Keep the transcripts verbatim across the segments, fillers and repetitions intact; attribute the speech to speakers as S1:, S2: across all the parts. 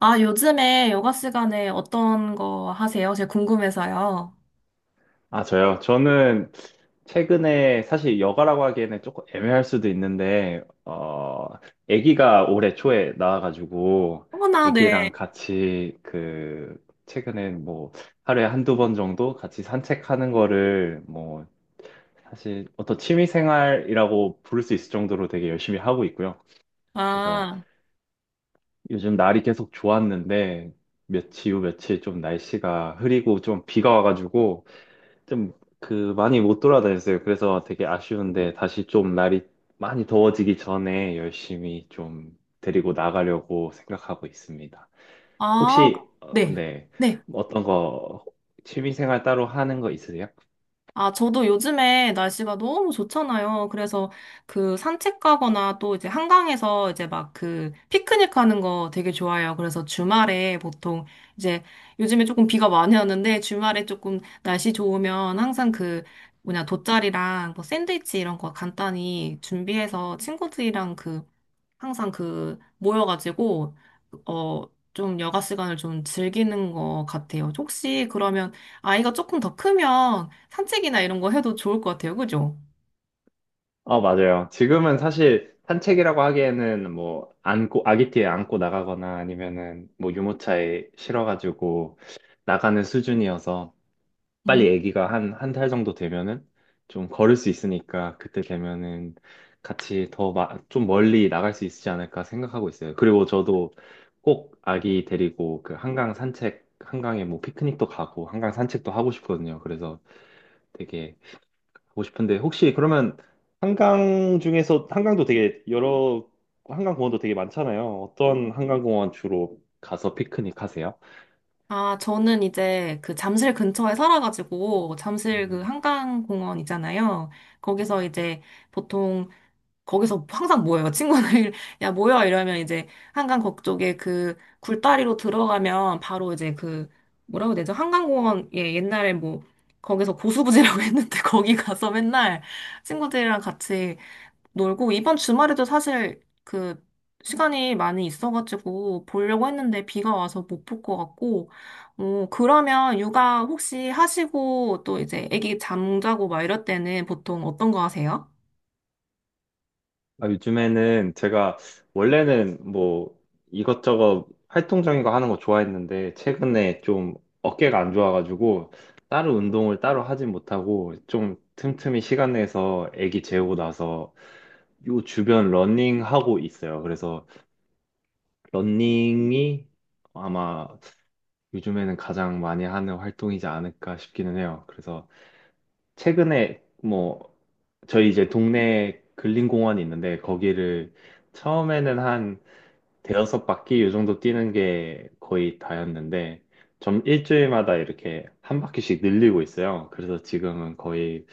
S1: 아, 요즘에 여가 시간에 어떤 거 하세요? 제가 궁금해서요.
S2: 아, 저요? 저는 최근에 사실 여가라고 하기에는 조금 애매할 수도 있는데, 어, 아기가 올해 초에 나와가지고,
S1: 어머나, 네.
S2: 아기랑 같이 그, 최근에 뭐, 하루에 한두 번 정도 같이 산책하는 거를 뭐, 사실 어떤 취미 생활이라고 부를 수 있을 정도로 되게 열심히 하고 있고요. 그래서
S1: 아,
S2: 요즘 날이 계속 좋았는데, 며칠 후 며칠 좀 날씨가 흐리고 좀 비가 와가지고, 좀 그 많이 못 돌아다녔어요. 그래서 되게 아쉬운데 다시 좀 날이 많이 더워지기 전에 열심히 좀 데리고 나가려고 생각하고 있습니다.
S1: 아,
S2: 혹시 어,
S1: 네.
S2: 네
S1: 네.
S2: 어떤 거 취미생활 따로 하는 거 있으세요?
S1: 아, 저도 요즘에 날씨가 너무 좋잖아요. 그래서 그 산책 가거나 또 이제 한강에서 이제 막 그 피크닉 하는 거 되게 좋아해요. 그래서 주말에 보통 이제 요즘에 조금 비가 많이 오는데 주말에 조금 날씨 좋으면 항상 그 뭐냐 돗자리랑 뭐 샌드위치 이런 거 간단히 준비해서 친구들이랑 그 항상 그 모여가지고 어 좀 여가 시간을 좀 즐기는 것 같아요. 혹시 그러면 아이가 조금 더 크면 산책이나 이런 거 해도 좋을 것 같아요. 그죠?
S2: 어 맞아요. 지금은 사실 산책이라고 하기에는 뭐 안고 아기띠에 안고 나가거나 아니면은 뭐 유모차에 실어가지고 나가는 수준이어서
S1: 음.
S2: 빨리 아기가 한, 한 달 정도 되면은 좀 걸을 수 있으니까 그때 되면은 같이 더 좀 멀리 나갈 수 있지 않을까 생각하고 있어요. 그리고 저도 꼭 아기 데리고 그 한강 산책, 한강에 뭐 피크닉도 가고 한강 산책도 하고 싶거든요. 그래서 되게 하고 싶은데 혹시 그러면 한강 중에서 한강도 되게 여러 한강 공원도 되게 많잖아요. 어떤 한강 공원 주로 가서 피크닉 하세요?
S1: 아, 저는 이제 그 잠실 근처에 살아가지고 잠실 그
S2: 음.
S1: 한강공원 있잖아요. 거기서 이제 보통 거기서 항상 모여요. 친구들, 야, 모여! 이러면 이제 한강 거쪽에 그 굴다리로 들어가면 바로 이제 그, 뭐라고 해야 되죠? 한강공원, 예, 옛날에 뭐, 거기서 고수부지라고 했는데 거기 가서 맨날 친구들이랑 같이 놀고, 이번 주말에도 사실 그, 시간이 많이 있어가지고 보려고 했는데 비가 와서 못 볼 것 같고, 어, 그러면 육아 혹시 하시고 또 이제 애기 잠자고 막 이럴 때는 보통 어떤 거 하세요?
S2: 아, 요즘에는 제가 원래는 뭐 이것저것 활동적인 거 하는 거 좋아했는데 최근에 좀 어깨가 안 좋아가지고 따로 운동을 따로 하진 못하고 좀 틈틈이 시간 내서 아기 재우고 나서 요 주변 러닝 하고 있어요. 그래서 러닝이 아마 요즘에는 가장 많이 하는 활동이지 않을까 싶기는 해요. 그래서 최근에 뭐 저희 이제 동네 근린공원이 있는데 거기를 처음에는 한 대여섯 바퀴 요 정도 뛰는 게 거의 다였는데 좀 일주일마다 이렇게 한 바퀴씩 늘리고 있어요. 그래서 지금은 거의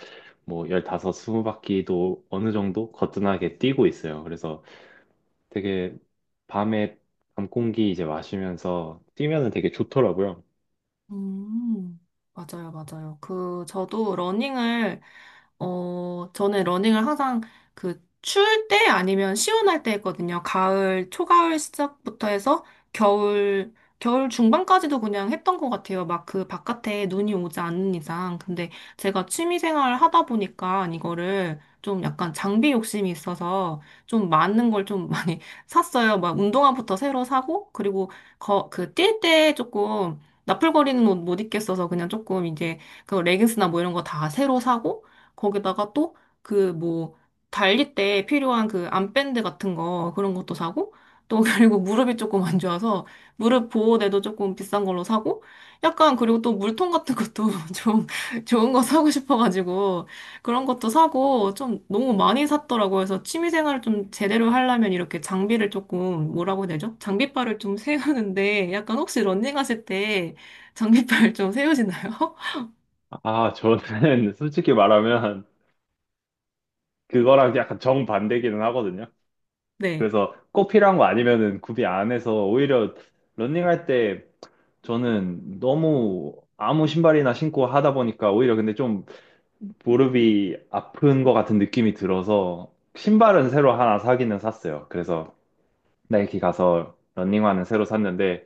S2: 뭐 십오, 이십 바퀴도 어느 정도 거뜬하게 뛰고 있어요. 그래서 되게 밤에 밤 공기 이제 마시면서 뛰면은 되게 좋더라고요.
S1: 음, 맞아요, 맞아요. 그, 저도 러닝을, 어, 저는 러닝을 항상 그, 추울 때 아니면 시원할 때 했거든요. 가을, 초가을 시작부터 해서 겨울, 겨울 중반까지도 그냥 했던 것 같아요. 막 그 바깥에 눈이 오지 않는 이상. 근데 제가 취미 생활을 하다 보니까 이거를 좀 약간 장비 욕심이 있어서 좀 많은 걸 좀 많이 샀어요. 막 운동화부터 새로 사고, 그리고 거, 그, 뛸 때 조금 나풀거리는 옷 못 입겠어서 그냥 조금 이제 그 레깅스나 뭐 이런 거 다 새로 사고 거기다가 또 그 뭐 달릴 때 필요한 그 암밴드 같은 거 그런 것도 사고 또 그리고 무릎이 조금 안 좋아서 무릎 보호대도 조금 비싼 걸로 사고 약간 그리고 또 물통 같은 것도 좀 좋은 거 사고 싶어가지고 그런 것도 사고 좀 너무 많이 샀더라고요. 그래서 취미 생활을 좀 제대로 하려면 이렇게 장비를 조금 뭐라고 해야 되죠? 장비빨을 좀 세우는데 약간 혹시 런닝 하실 때 장비빨 좀 세우시나요?
S2: 아, 저는 솔직히 말하면 그거랑 약간 정반대기는 하거든요.
S1: 네.
S2: 그래서 꼭 필요한 거 아니면은 구비 안 해서 오히려 러닝할 때 저는 너무 아무 신발이나 신고 하다 보니까 오히려 근데 좀 무릎이 아픈 것 같은 느낌이 들어서 신발은 새로 하나 사기는 샀어요. 그래서 나이키 가서 러닝화는 새로 샀는데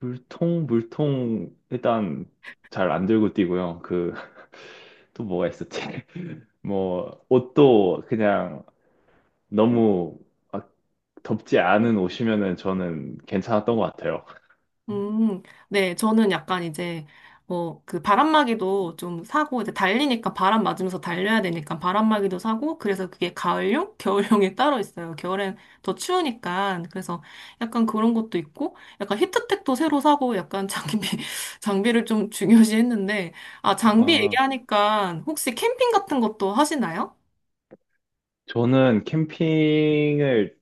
S2: 물통 물통 일단 잘 안 들고 뛰고요. 그 또 뭐가 있었지? 뭐 옷도 그냥 너무 막 덥지 않은 옷이면은 저는 괜찮았던 것 같아요.
S1: 음, 네. 저는 약간 이제, 뭐, 그 바람막이도 좀 사고, 이제 달리니까 바람 맞으면서 달려야 되니까 바람막이도 사고, 그래서 그게 가을용? 겨울용이 따로 있어요. 겨울엔 더 추우니까. 그래서 약간 그런 것도 있고, 약간 히트텍도 새로 사고, 약간 장비, 장비를 좀 중요시 했는데, 아, 장비
S2: 아,
S1: 얘기하니까 혹시 캠핑 같은 것도 하시나요?
S2: 저는 캠핑을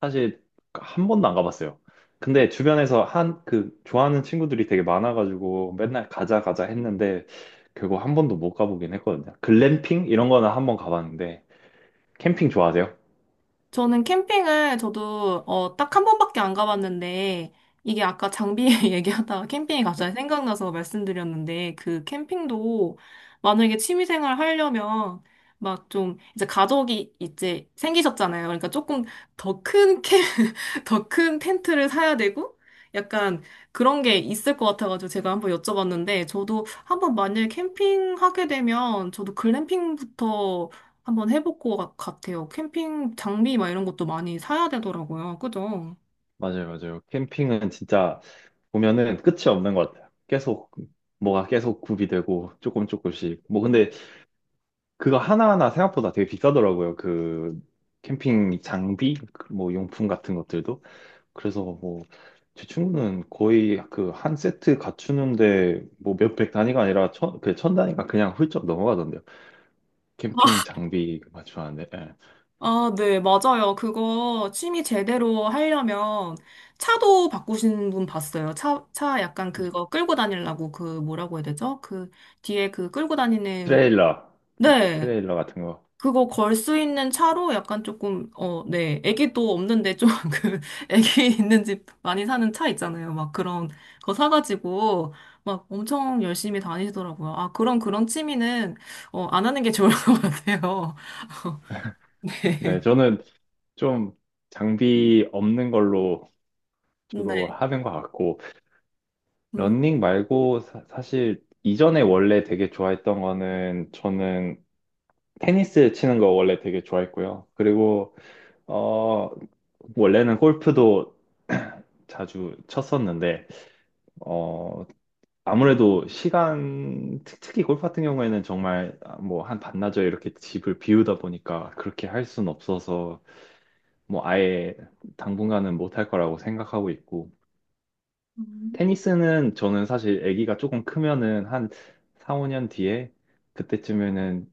S2: 사실 한 번도 안 가봤어요. 근데 주변에서 한, 그, 좋아하는 친구들이 되게 많아가지고 맨날 가자, 가자 했는데 결국 한 번도 못 가보긴 했거든요. 글램핑? 이런 거는 한 번 가봤는데 캠핑 좋아하세요?
S1: 저는 캠핑을 저도 어, 딱 한 번밖에 안 가봤는데 이게 아까 장비 얘기하다가 캠핑이 갑자기 생각나서 말씀드렸는데 그 캠핑도 만약에 취미생활 하려면 막 좀 이제 가족이 이제 생기셨잖아요. 그러니까 조금 더 큰 캠, 더 큰 텐트를 사야 되고 약간 그런 게 있을 것 같아가지고 제가 한번 여쭤봤는데 저도 한번 만약에 캠핑하게 되면 저도 글램핑부터 한번 해볼 것 같- 같아요. 캠핑 장비 막 이런 것도 많이 사야 되더라고요. 그죠?
S2: 맞아요, 맞아요. 캠핑은 진짜 보면은 끝이 없는 것 같아요. 계속, 뭐가 계속 구비 되고 조금 조금씩. 뭐 근데 그거 하나하나 생각보다 되게 비싸더라고요. 그 캠핑 장비, 그뭐 용품 같은 것들도. 그래서 뭐 제 친구는 거의 그 한 세트 갖추는데 뭐 몇백 단위가 아니라 천, 그 천 단위가 그냥 훌쩍 넘어가던데요. 캠핑 장비 맞추는데, 예.
S1: 아, 네, 맞아요. 그거 취미 제대로 하려면 차도 바꾸신 분 봤어요. 차, 차 약간 그거 끌고 다니려고 그 뭐라고 해야 되죠? 그 뒤에 그 끌고 다니는,
S2: 트레일러,
S1: 네.
S2: 트레일러 같은 거.
S1: 그거 걸 수 있는 차로 약간 조금, 어, 네. 애기도 없는데 좀 그, 애기 있는 집 많이 사는 차 있잖아요. 막 그런 거 사가지고 막 엄청 열심히 다니시더라고요. 아, 그런, 그런 취미는, 어, 안 하는 게 좋을 것 같아요.
S2: 네,
S1: 네.
S2: 저는 좀 장비 없는 걸로
S1: 네.
S2: 주로 하는 것 같고,
S1: 음,
S2: 런닝 말고 사, 사실 이전에 원래 되게 좋아했던 거는 저는 테니스 치는 거 원래 되게 좋아했고요. 그리고 어 원래는 골프도 자주 쳤었는데 어 아무래도 시간 특- 특히 골프 같은 경우에는 정말 아, 뭐한 반나절 이렇게 집을 비우다 보니까 그렇게 할 순 없어서 뭐 아예 당분간은 못 할 거라고 생각하고 있고
S1: 음,
S2: 테니스는 저는 사실 아기가 조금 크면은 한 사, 오 년 뒤에 그때쯤에는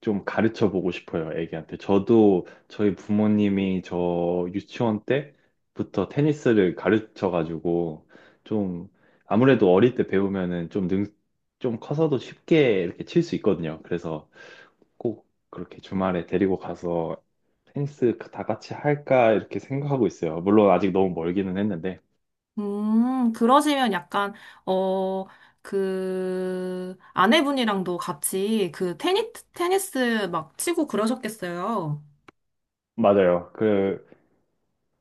S2: 좀 가르쳐 보고 싶어요, 애기한테. 저도 저희 부모님이 저 유치원 때부터 테니스를 가르쳐 가지고 좀 아무래도 어릴 때 배우면은 좀 능, 좀 커서도 쉽게 이렇게 칠 수 있거든요. 그래서 꼭 그렇게 주말에 데리고 가서 테니스 다 같이 할까 이렇게 생각하고 있어요. 물론 아직 너무 멀기는 했는데.
S1: 음, 그러시면 약간, 어, 그, 아내분이랑도 같이 그 테니, 테니스 막 치고 그러셨겠어요.
S2: 맞아요. 그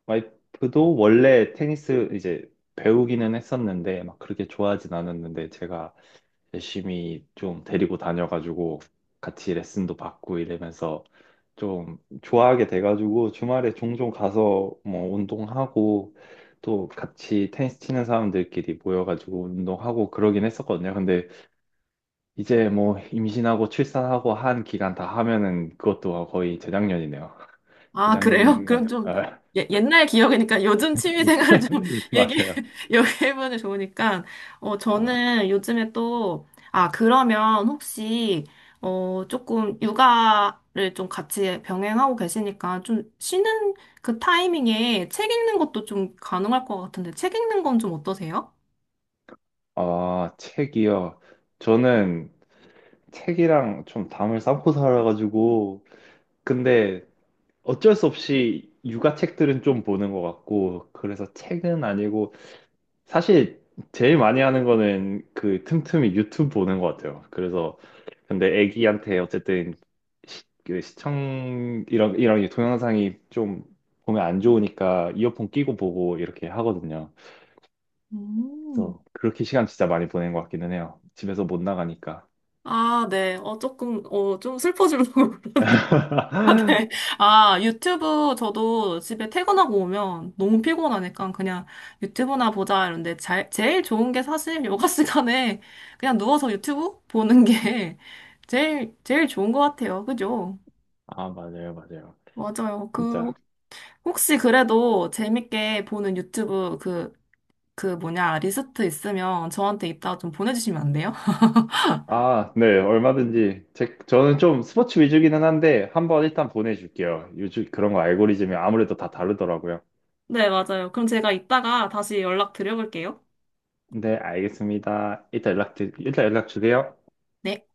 S2: 와이프도 원래 테니스 이제 배우기는 했었는데 막 그렇게 좋아하진 않았는데 제가 열심히 좀 데리고 다녀가지고 같이 레슨도 받고 이러면서 좀 좋아하게 돼가지고 주말에 종종 가서 뭐 운동하고 또 같이 테니스 치는 사람들끼리 모여가지고 운동하고 그러긴 했었거든요. 근데 이제 뭐 임신하고 출산하고 한 기간 다 하면은 그것도 거의 재작년이네요.
S1: 아, 그래요? 그럼
S2: 재작년.
S1: 좀
S2: 아,
S1: 예, 옛날 기억이니까 요즘 취미 생활을 좀 얘기,
S2: 맞아요.
S1: 얘기해보면 좋으니까. 어,
S2: 아,
S1: 저는 요즘에 또, 아, 그러면 혹시, 어, 조금 육아를 좀 같이 병행하고 계시니까 좀 쉬는 그 타이밍에 책 읽는 것도 좀 가능할 것 같은데 책 읽는 건 좀 어떠세요?
S2: 아, 책이요. 저는 책이랑 좀 담을 쌓고 살아가지고 근데 어쩔 수 없이 육아 책들은 좀 보는 것 같고, 그래서 책은 아니고, 사실 제일 많이 하는 거는 그 틈틈이 유튜브 보는 것 같아요. 그래서, 근데 애기한테 어쨌든 시, 그 시청, 이런, 이런 동영상이 좀 보면 안 좋으니까 이어폰 끼고 보고 이렇게 하거든요.
S1: 음.
S2: 그래서 그렇게 시간 진짜 많이 보낸 것 같기는 해요. 집에서 못 나가니까.
S1: 아, 네. 어, 조금, 어, 좀 슬퍼지려고. 아, 네. 아, 유튜브 저도 집에 퇴근하고 오면 너무 피곤하니까 그냥 유튜브나 보자 이런데 잘, 제일 좋은 게 사실 요가 시간에 그냥 누워서 유튜브 보는 게 제일, 제일 좋은 것 같아요. 그죠?
S2: 아, 맞아요, 맞아요.
S1: 맞아요. 그,
S2: 진짜.
S1: 혹시 그래도 재밌게 보는 유튜브 그, 그 뭐냐, 리스트 있으면 저한테 이따 좀 보내주시면 안 돼요?
S2: 아, 네, 얼마든지. 제, 저는 좀 스포츠 위주기는 한데, 한번 일단 보내줄게요. 요즘 그런 거 알고리즘이 아무래도 다 다르더라고요.
S1: 네, 맞아요. 그럼 제가 이따가 다시 연락 드려볼게요.
S2: 네, 알겠습니다. 이따 연락, 드- 일단 연락 주세요.
S1: 네